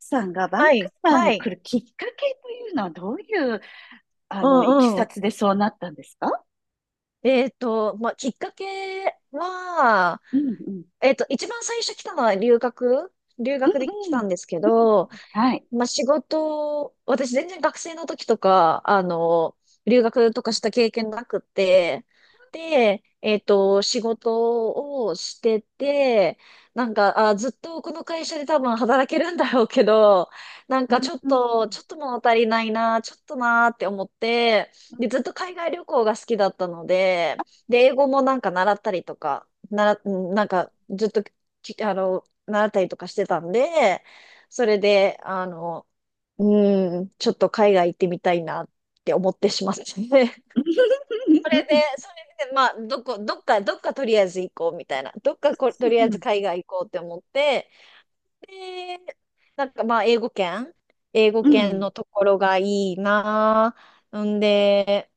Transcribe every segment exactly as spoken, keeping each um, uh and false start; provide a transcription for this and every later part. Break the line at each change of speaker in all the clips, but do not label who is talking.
さんがバン
は
クー
い、
バー
は
に来
い。
るきっかけというのはどういう、あ
う
の、いき
んう
さ
ん。
つでそうなったんですか？
えっと、まあ、きっかけは、
うんうん。
えっと、一番最初来たのは留学、留
うん
学で来
う
た
ん。
んですけ
うん
ど、
うん。はい。
まあ、仕事、私全然学生の時とか、あの、留学とかした経験なくて、で、えっと、仕事をしてて、なんか、あ、ずっとこの会社で多分働けるんだろうけど、なん
う
か
ん
ちょっ
うん。
と、ちょっと物足りないな、ちょっとなーって思って、
うん
で、ずっと海外旅行が好きだったので、で、英語もなんか習ったりとか、なら、なんかずっとき、あの、習ったりとかしてたんで、それで、あの、うーん、ちょっと海外行ってみたいなって思ってしまってね。それで、それで、まあ、どこ、どっか、どっかとりあえず行こうみたいな。どっかこ、とり
う
あえ
んう
ず
ん。
海外行こうって思って、で、なんかまあ、英語圏、英語
う
圏
ん
のところがいいなぁ。んで、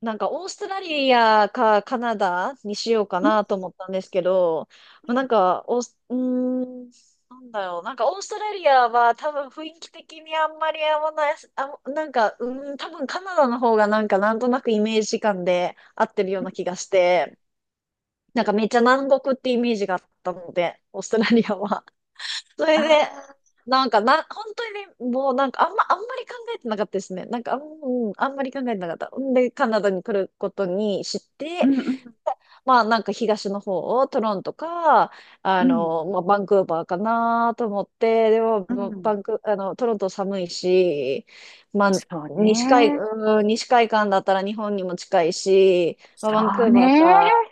なんかオーストラリアかカナダにしようか
うん。
なと思ったんですけど、まあ、なんかオース、うーん、なんだろう、なんかオーストラリアは多分雰囲気的にあんまり合わない、あ、なんか、うーん、多分カナダの方がなんかなんとなくイメージ感で合ってるような気がして、なんかめっちゃ南国ってイメージがあったので、オーストラリアは。そ
あ
れで、
あ。
なんかな、本当にね、もうなんかあんま、あんまり考えてなかったですね。なんかあん、うん、あんまり考えてなかった。んで、カナダに来ることにし
う
て、
んうん
まあなんか東の方をトロントか、あ
うん
の、まあバンクーバーかなと思って、でも、
う
もうバ
ん。
ンク、あの、トロント寒いし、まあ、
そう
西海、
ね。
うん、西海岸だったら日本にも近いし、まあ、
そ
バンク
う
ーバー
ね。
か、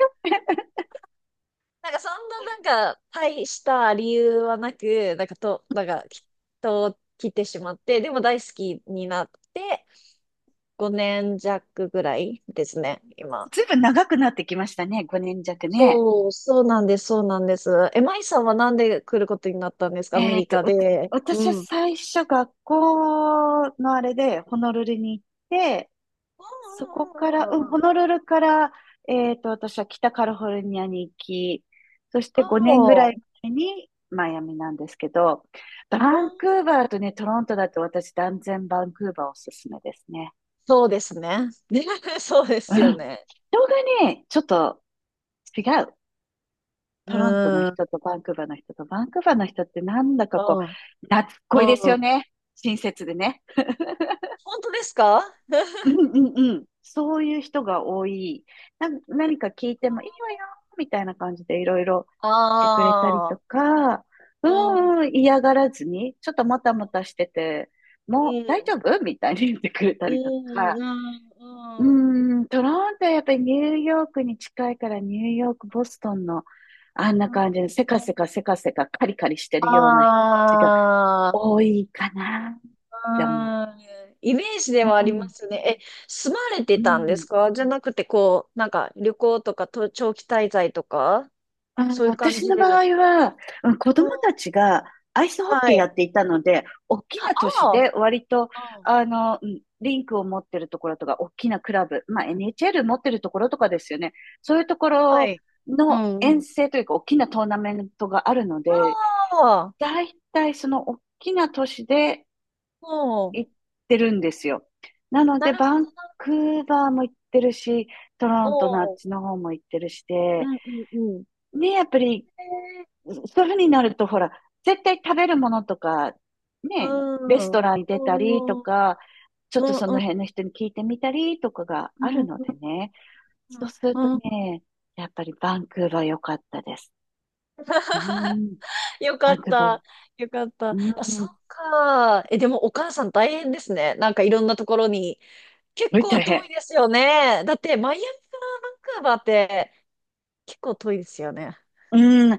なんかそんななんか大した理由はなく、なんかと、なんかきっと来てしまって、でも大好きになってごねん弱ぐらいですね、今。
ずいぶん長くなってきましたね。ごねん弱ね。
そう、そうなんです、そうなんです。え、マイさんはなんで来ることになったんですか、アメ
えっ
リ
と、
カ
わた
で。う
私は
ん。うん
最初学校のあれでホノルルに行って、そこ
う
から、うん、
んう
ホノ
ん
ルルから、えっと、私は北カリフォルニアに行き、そして
うん
ごねんぐら
う
い
ん、そ
前にマイアミなんですけど、
う、う
バンク
ん、
ーバーとね、トロントだと私断然バンクーバーおすすめですね。
そうですね。そうで
う
すよ
ん。
ね。
人がね、ちょっと違う。
う
トロントの
ん。う
人とバンクーバーの人と、バンクーバーの人ってなんだかこ
ん。うん。
う、懐っこいですよ
本
ね。親切でね。
当ですか？
うんうんうん。そういう人が多い。な、何か聞いてもいいわよ、みたいな感じでいろいろしてくれたり
あ
と
あ、
か、う
う
んう
ん
ん、嫌がらずに、ちょっともたもたしてて、
う
もう大丈
ん。
夫みたいに言ってくれた
う
りとか、
ん。あー、
うん、トロントはやっぱりニューヨークに近いからニューヨーク、ボストンのあんな
う
感じ
ん、
でせかせかせかせかカリカリして
あ
るような人たちが
ー、
多いかなって思う。
あ、うん。イメージで
う
はありま
ん、
すね。え、住まれて
う
たんです
ん。
かじゃなくて、こう、なんか旅行とかと長期滞在とか、
あー、
そういう感
私
じ
の
で
場
ですか？
合は、うん子
うん、
供たちがアイスホッ
は
ケーや
い。
っていたので、大き
あ
な都市
ー、
で割と、
あー、
あの、うんリンクを持ってるところとか、大きなクラブ、まあ エヌエイチエル 持ってるところとかですよね。そういうとこ
あ、は
ろ
い。う
の遠
ん。
征というか、大きなトーナメントがあるので、
ああ、
だいたいその大きな都市で
うん。
行ってるんですよ。なの
な
で、
るほ
バンクーバーも行ってるし、トロントのあっ
ど
ちの方も行ってるしで、
な。うん。うんうんうん。
ね、やっぱり
え
そういうふうになると、ほら、絶対食べるものとか、
ー、
ね、レス
うん
トランに出たりと
うん。
か、ちょっと
うん
そ
うん
の辺の人に聞いてみたりとかが
う
あ
ん
るの
う
で
ん
ね。そうする
う
と
ん。うん、
ね、やっぱりバンクーバー良かったです。うん、
よか
バン
っ
クーバーいい、
た。よかった。
う
あ、そっ
ん、す
か。え、でもお母さん大変ですね。なんかいろんなところに。結
ごい
構
大
遠い
変。
ですよね。だってマイアミからバンクーバーって結構遠いですよね。
うん、あの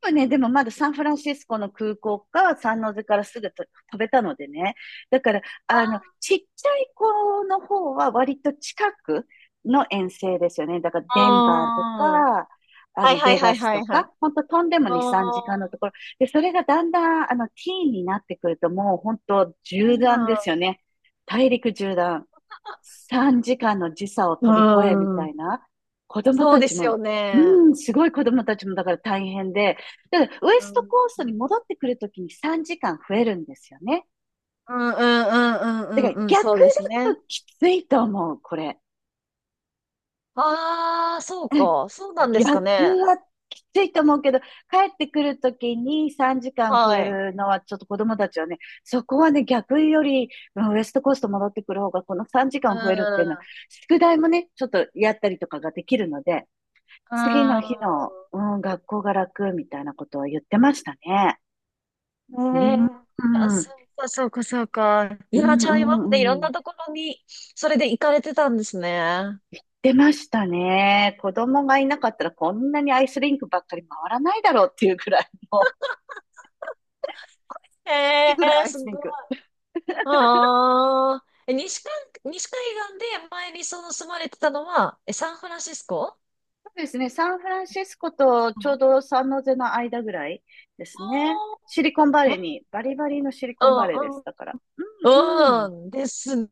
子はね、でもまだサンフランシスコの空港か、サンノゼからすぐと飛べたのでね。だから、
あ
あの、ちっちゃい子の方は割と近くの遠征ですよね。だから、デンバーと
あ。
か、あ
はい
の、
はい
ベ
は
ガ
い
ス
は
と
いは
か、
い。
ほんと飛んでも
あ
に、さんじかんの
あ。
ところ。で、それがだんだん、あの、ティーンになってくると、もう本当縦断ですよね。大陸縦断。さんじかんの時差を
う
飛び越えみ
ん。
た
うん。
いな。子供
そう
た
で
ち
す
も、
よね。
うん、すごい子供たちもだから大変で。だからウエ
う
スト
ん。
コーストに戻ってくるときにさんじかん増えるんですよね。
うんうんう
だか
ん
ら
うんうんうん。
逆
そうですね。
だときついと思う、これ。
ああ、そうか。そうなんです
逆
かね。
はきついと思うけど、帰ってくるときにさんじかん増
は
え
い。
るのはちょっと子供たちはね、そこはね、逆より、うんウエストコースト戻ってくる方が、この3時
う
間増えるっていうのは、
ん。
宿題もね、ちょっとやったりとかができるので、
う
次の
ん。
日の、うん、学校が楽みたいなことを言ってましたね。
ね
うん、
え、あ、
う
そ
ん、
うか、そうか、そうか。い
う
や、じゃあ今までいろん
ん、うん。
なところに、それで行かれてたんですね。
出ましたね。子供がいなかったらこんなにアイスリンクばっかり回らないだろうっていうぐらいの、っていう
え
ぐらい
え、
アイ
す
スリン
ご
ク。
い。ああ、え、西海、西海岸で前にその住まれてたのは、え、サンフランシスコ？
そうですね。サンフランシスコとちょう
あ
どサンノゼの間ぐらいですね。
あ
シリコンバレー
ー、
に、バリバリのシリ
う
コンバレーです。
ん、
だから。
う
うん、うん、
ん、うん、ですね。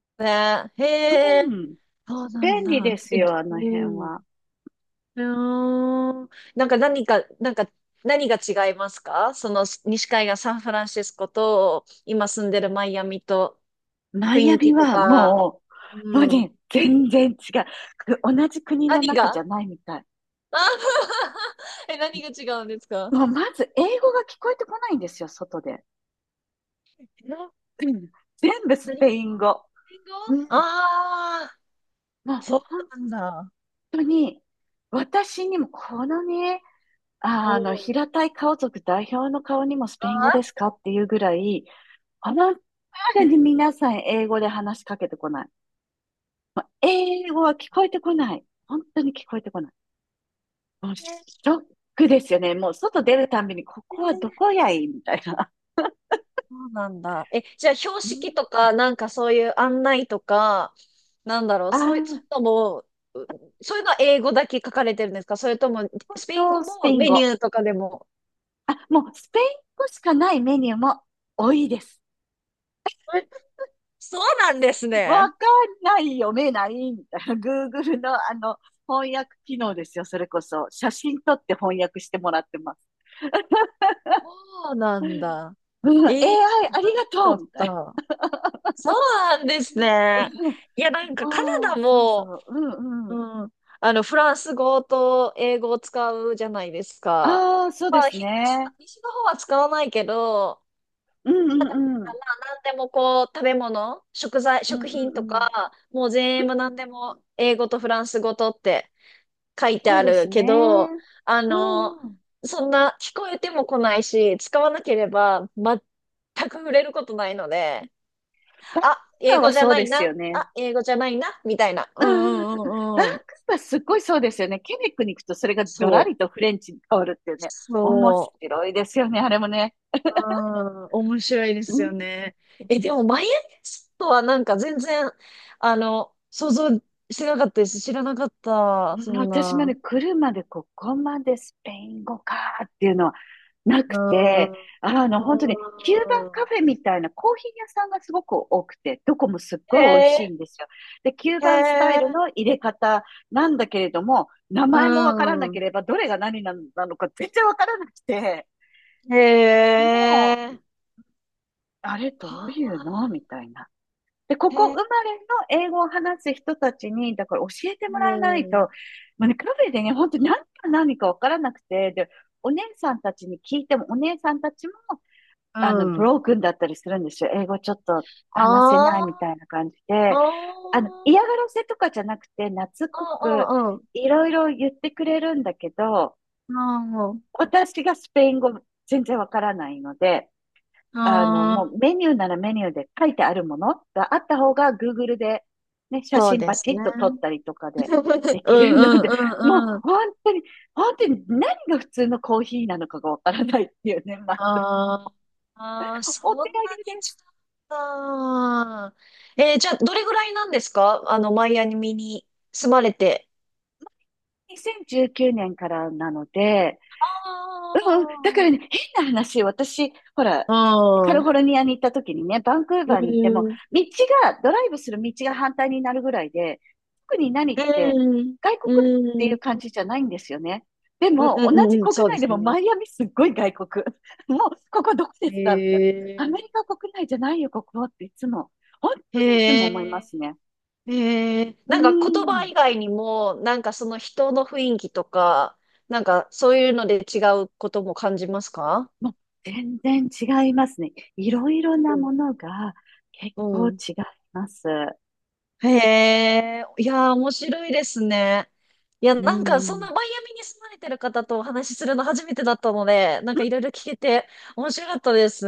へ
う
え、
ん。
そうなん
便利
だ。
です
え、
よ、あの
う
辺
ん。
は。
うーんなんか何か、なんか何が違いますか、その西海岸サンフランシスコと今住んでるマイアミと、
マイ
雰
ア
囲
ミ
気と
は
か？
もう、もう
うん。
ね、全然違う。く同じ国の
何
中じ
が、
ゃないみたい。
あ、 え、何が違うんですか？
もうまず英語が聞こえてこないんですよ、外で。
え、な
うん全部ス
何
ペ
語？
イン語。
英語？
うん。
ああ
もう
ー、そ
本
うなんだ。
当に、私にもこのね、
お
あの、
ー、
平たい顔族代表の顔にもスペイン語で
ああ、
すかっていうぐらい、本
そ
当
うなん
に皆さん英語で話しかけてこない。もう英語は聞こえてこない。本当に聞こえてこない。もうシ
だ、
ョックですよね。もう外出るたんびに、ここはどこやいみたいな。
そうなんだ。え、じゃあ標
うん、
識とか、なんかそういう案内とか、なんだろう、
あ
そういう
あ、
のも、うそういうのは英語だけ書かれてるんですか？それとも、
ほん
スペイン
と
語
スペ
も、
イン
メニュ
語。
ーとかでも？
あ、もうスペイン語しかないメニューも多いです。
え、そうなんです
わ
ね。
かんない、読めない、みたいな。Google のあの、翻訳機能ですよ、それこそ。写真撮って翻訳してもらってます。
そうなんだ。
うん、
えー、知
エーアイ あり
ら
がと
な
う
かっ
みたい
た。そうなんです
な。
ね。
うん
いや、なんかカ
あ
ナダ
あ、そうそ
も、
う。うんう
う
ん。
ん、あの、フランス語と英語を使うじゃないですか。
ああ、そう
ま
で
あ、
す
ひ西の
ね。
西の方は使わないけど、
うんうんう
ま
ん。
あ、なんでもこう、食べ物、食材、
うん
食
う
品
んう
と
ん。
か、もう全部なんでも英語とフランス語とって書いて
そ
あ
うで
る
すね。
けど、あ
う
の、
んうん。
そんな聞こえても来ないし、使わなければ全く触れることないので、
バンク
あ、
ーバ
英
ーは
語じゃ
そう
な
で
い
すよ
な、
ね。
あ、英語じゃないな、みたいな。
う
う
ん
んう
うんうん。
ん
バ
う
ン
んうん。
クーバーすっごいそうですよね。ケベックに行くとそれがガ
そ
ラ
う。
リとフレンチに変わるっていうね。面
そう。
白いですよね、あれもね。
うん、面白いで
う
すよ
ん、
ね。え、でも、マイアミスとはなんか全然、あの、想像してなかったです。知らなかった。
う
そ
ん
ん
私も
な。
ね、来るまでここまでスペイン語かーっていうのはな
う
くて、
ん。
あの、
う
本当に、キューバンカ
ん。
フェみたいなコーヒー屋さんがすごく多くて、どこもすっご
へ
い美味しい
え、
んですよ。で、キュー
へ
バンスタイル
え、
の入れ方なんだけれども、名
う
前もわからなけ
ん。
れば、どれが何ななのか全然わからなくて、
へ
もう、
え、
あれどう
は
いう
あ、
のみたいな。で、ここ
へえ、
生まれの英語を話す人たちに、だから教えても
う
らえないと、も
ん。
うね、カフェでね、本当に何か何かわからなくて、で、お姉さんたちに聞いても、お姉さんたちも、あの、
う
ブ
ん。
ロークンだったりするんですよ。英語ちょっと話せ
あ
ないみたいな感じ
あ、あ
で。あの、嫌が
あ、
らせとかじゃなくて、懐っ
あ
こく
あ、
いろいろ言ってくれるんだけど、
あ
私がスペイン語全然わからないので、
あ、
あの、も
ああ、
うメニューならメニューで書いてあるものがあった方が Google で、ね、写
そう
真
で
パ
す
チ
ね。
ッと撮ったりとかで で
う
き
ん
るの
う
で、もう
んうん、
本当に、本当に何が普通のコーヒーなのかがわからないっていうね、まあ、
あー、あー、そ
お手
ん
上
なに
げ
違っ
です。
た。えー、じゃあ、どれぐらいなんですか、あの、マイアミに住まれて？
にせんじゅうくねんからなので、うんうん、だか
あ
らね、変な話、私、ほら、カ
あ、
リ
う
フ
ん。
ォルニアに行った時にね、バンクー
う
バーに行っても、
ん。
道が、ドライブする道が反対になるぐらいで、特に何って、
うん。
外国って
う
いう
ん。
感じじゃないんですよね。で
うん。
も、同
う
じ
ん。うん。
国
そうで
内で
す
も
ね。
マイアミすっごい外国。もう、ここどこで
へ
すかみたいな。アメ
え。
リカ国内じゃないよ、ここっていつも。本当にいつも
へ
思いま
え。
すね。
へえ。
う
なんか言葉
ん。
以外にも、なんかその人の雰囲気とか、なんかそういうので違うことも感じますか？
もう全然違いますね。いろいろなものが結
う
構
ん。
違います。
へえ、いやー、面白いですね。いや、
うん
なんか、
う
そんな
ん
マイアミに住まれてる方とお話しするの初めてだったので、なんかいろいろ聞けて面白かったです。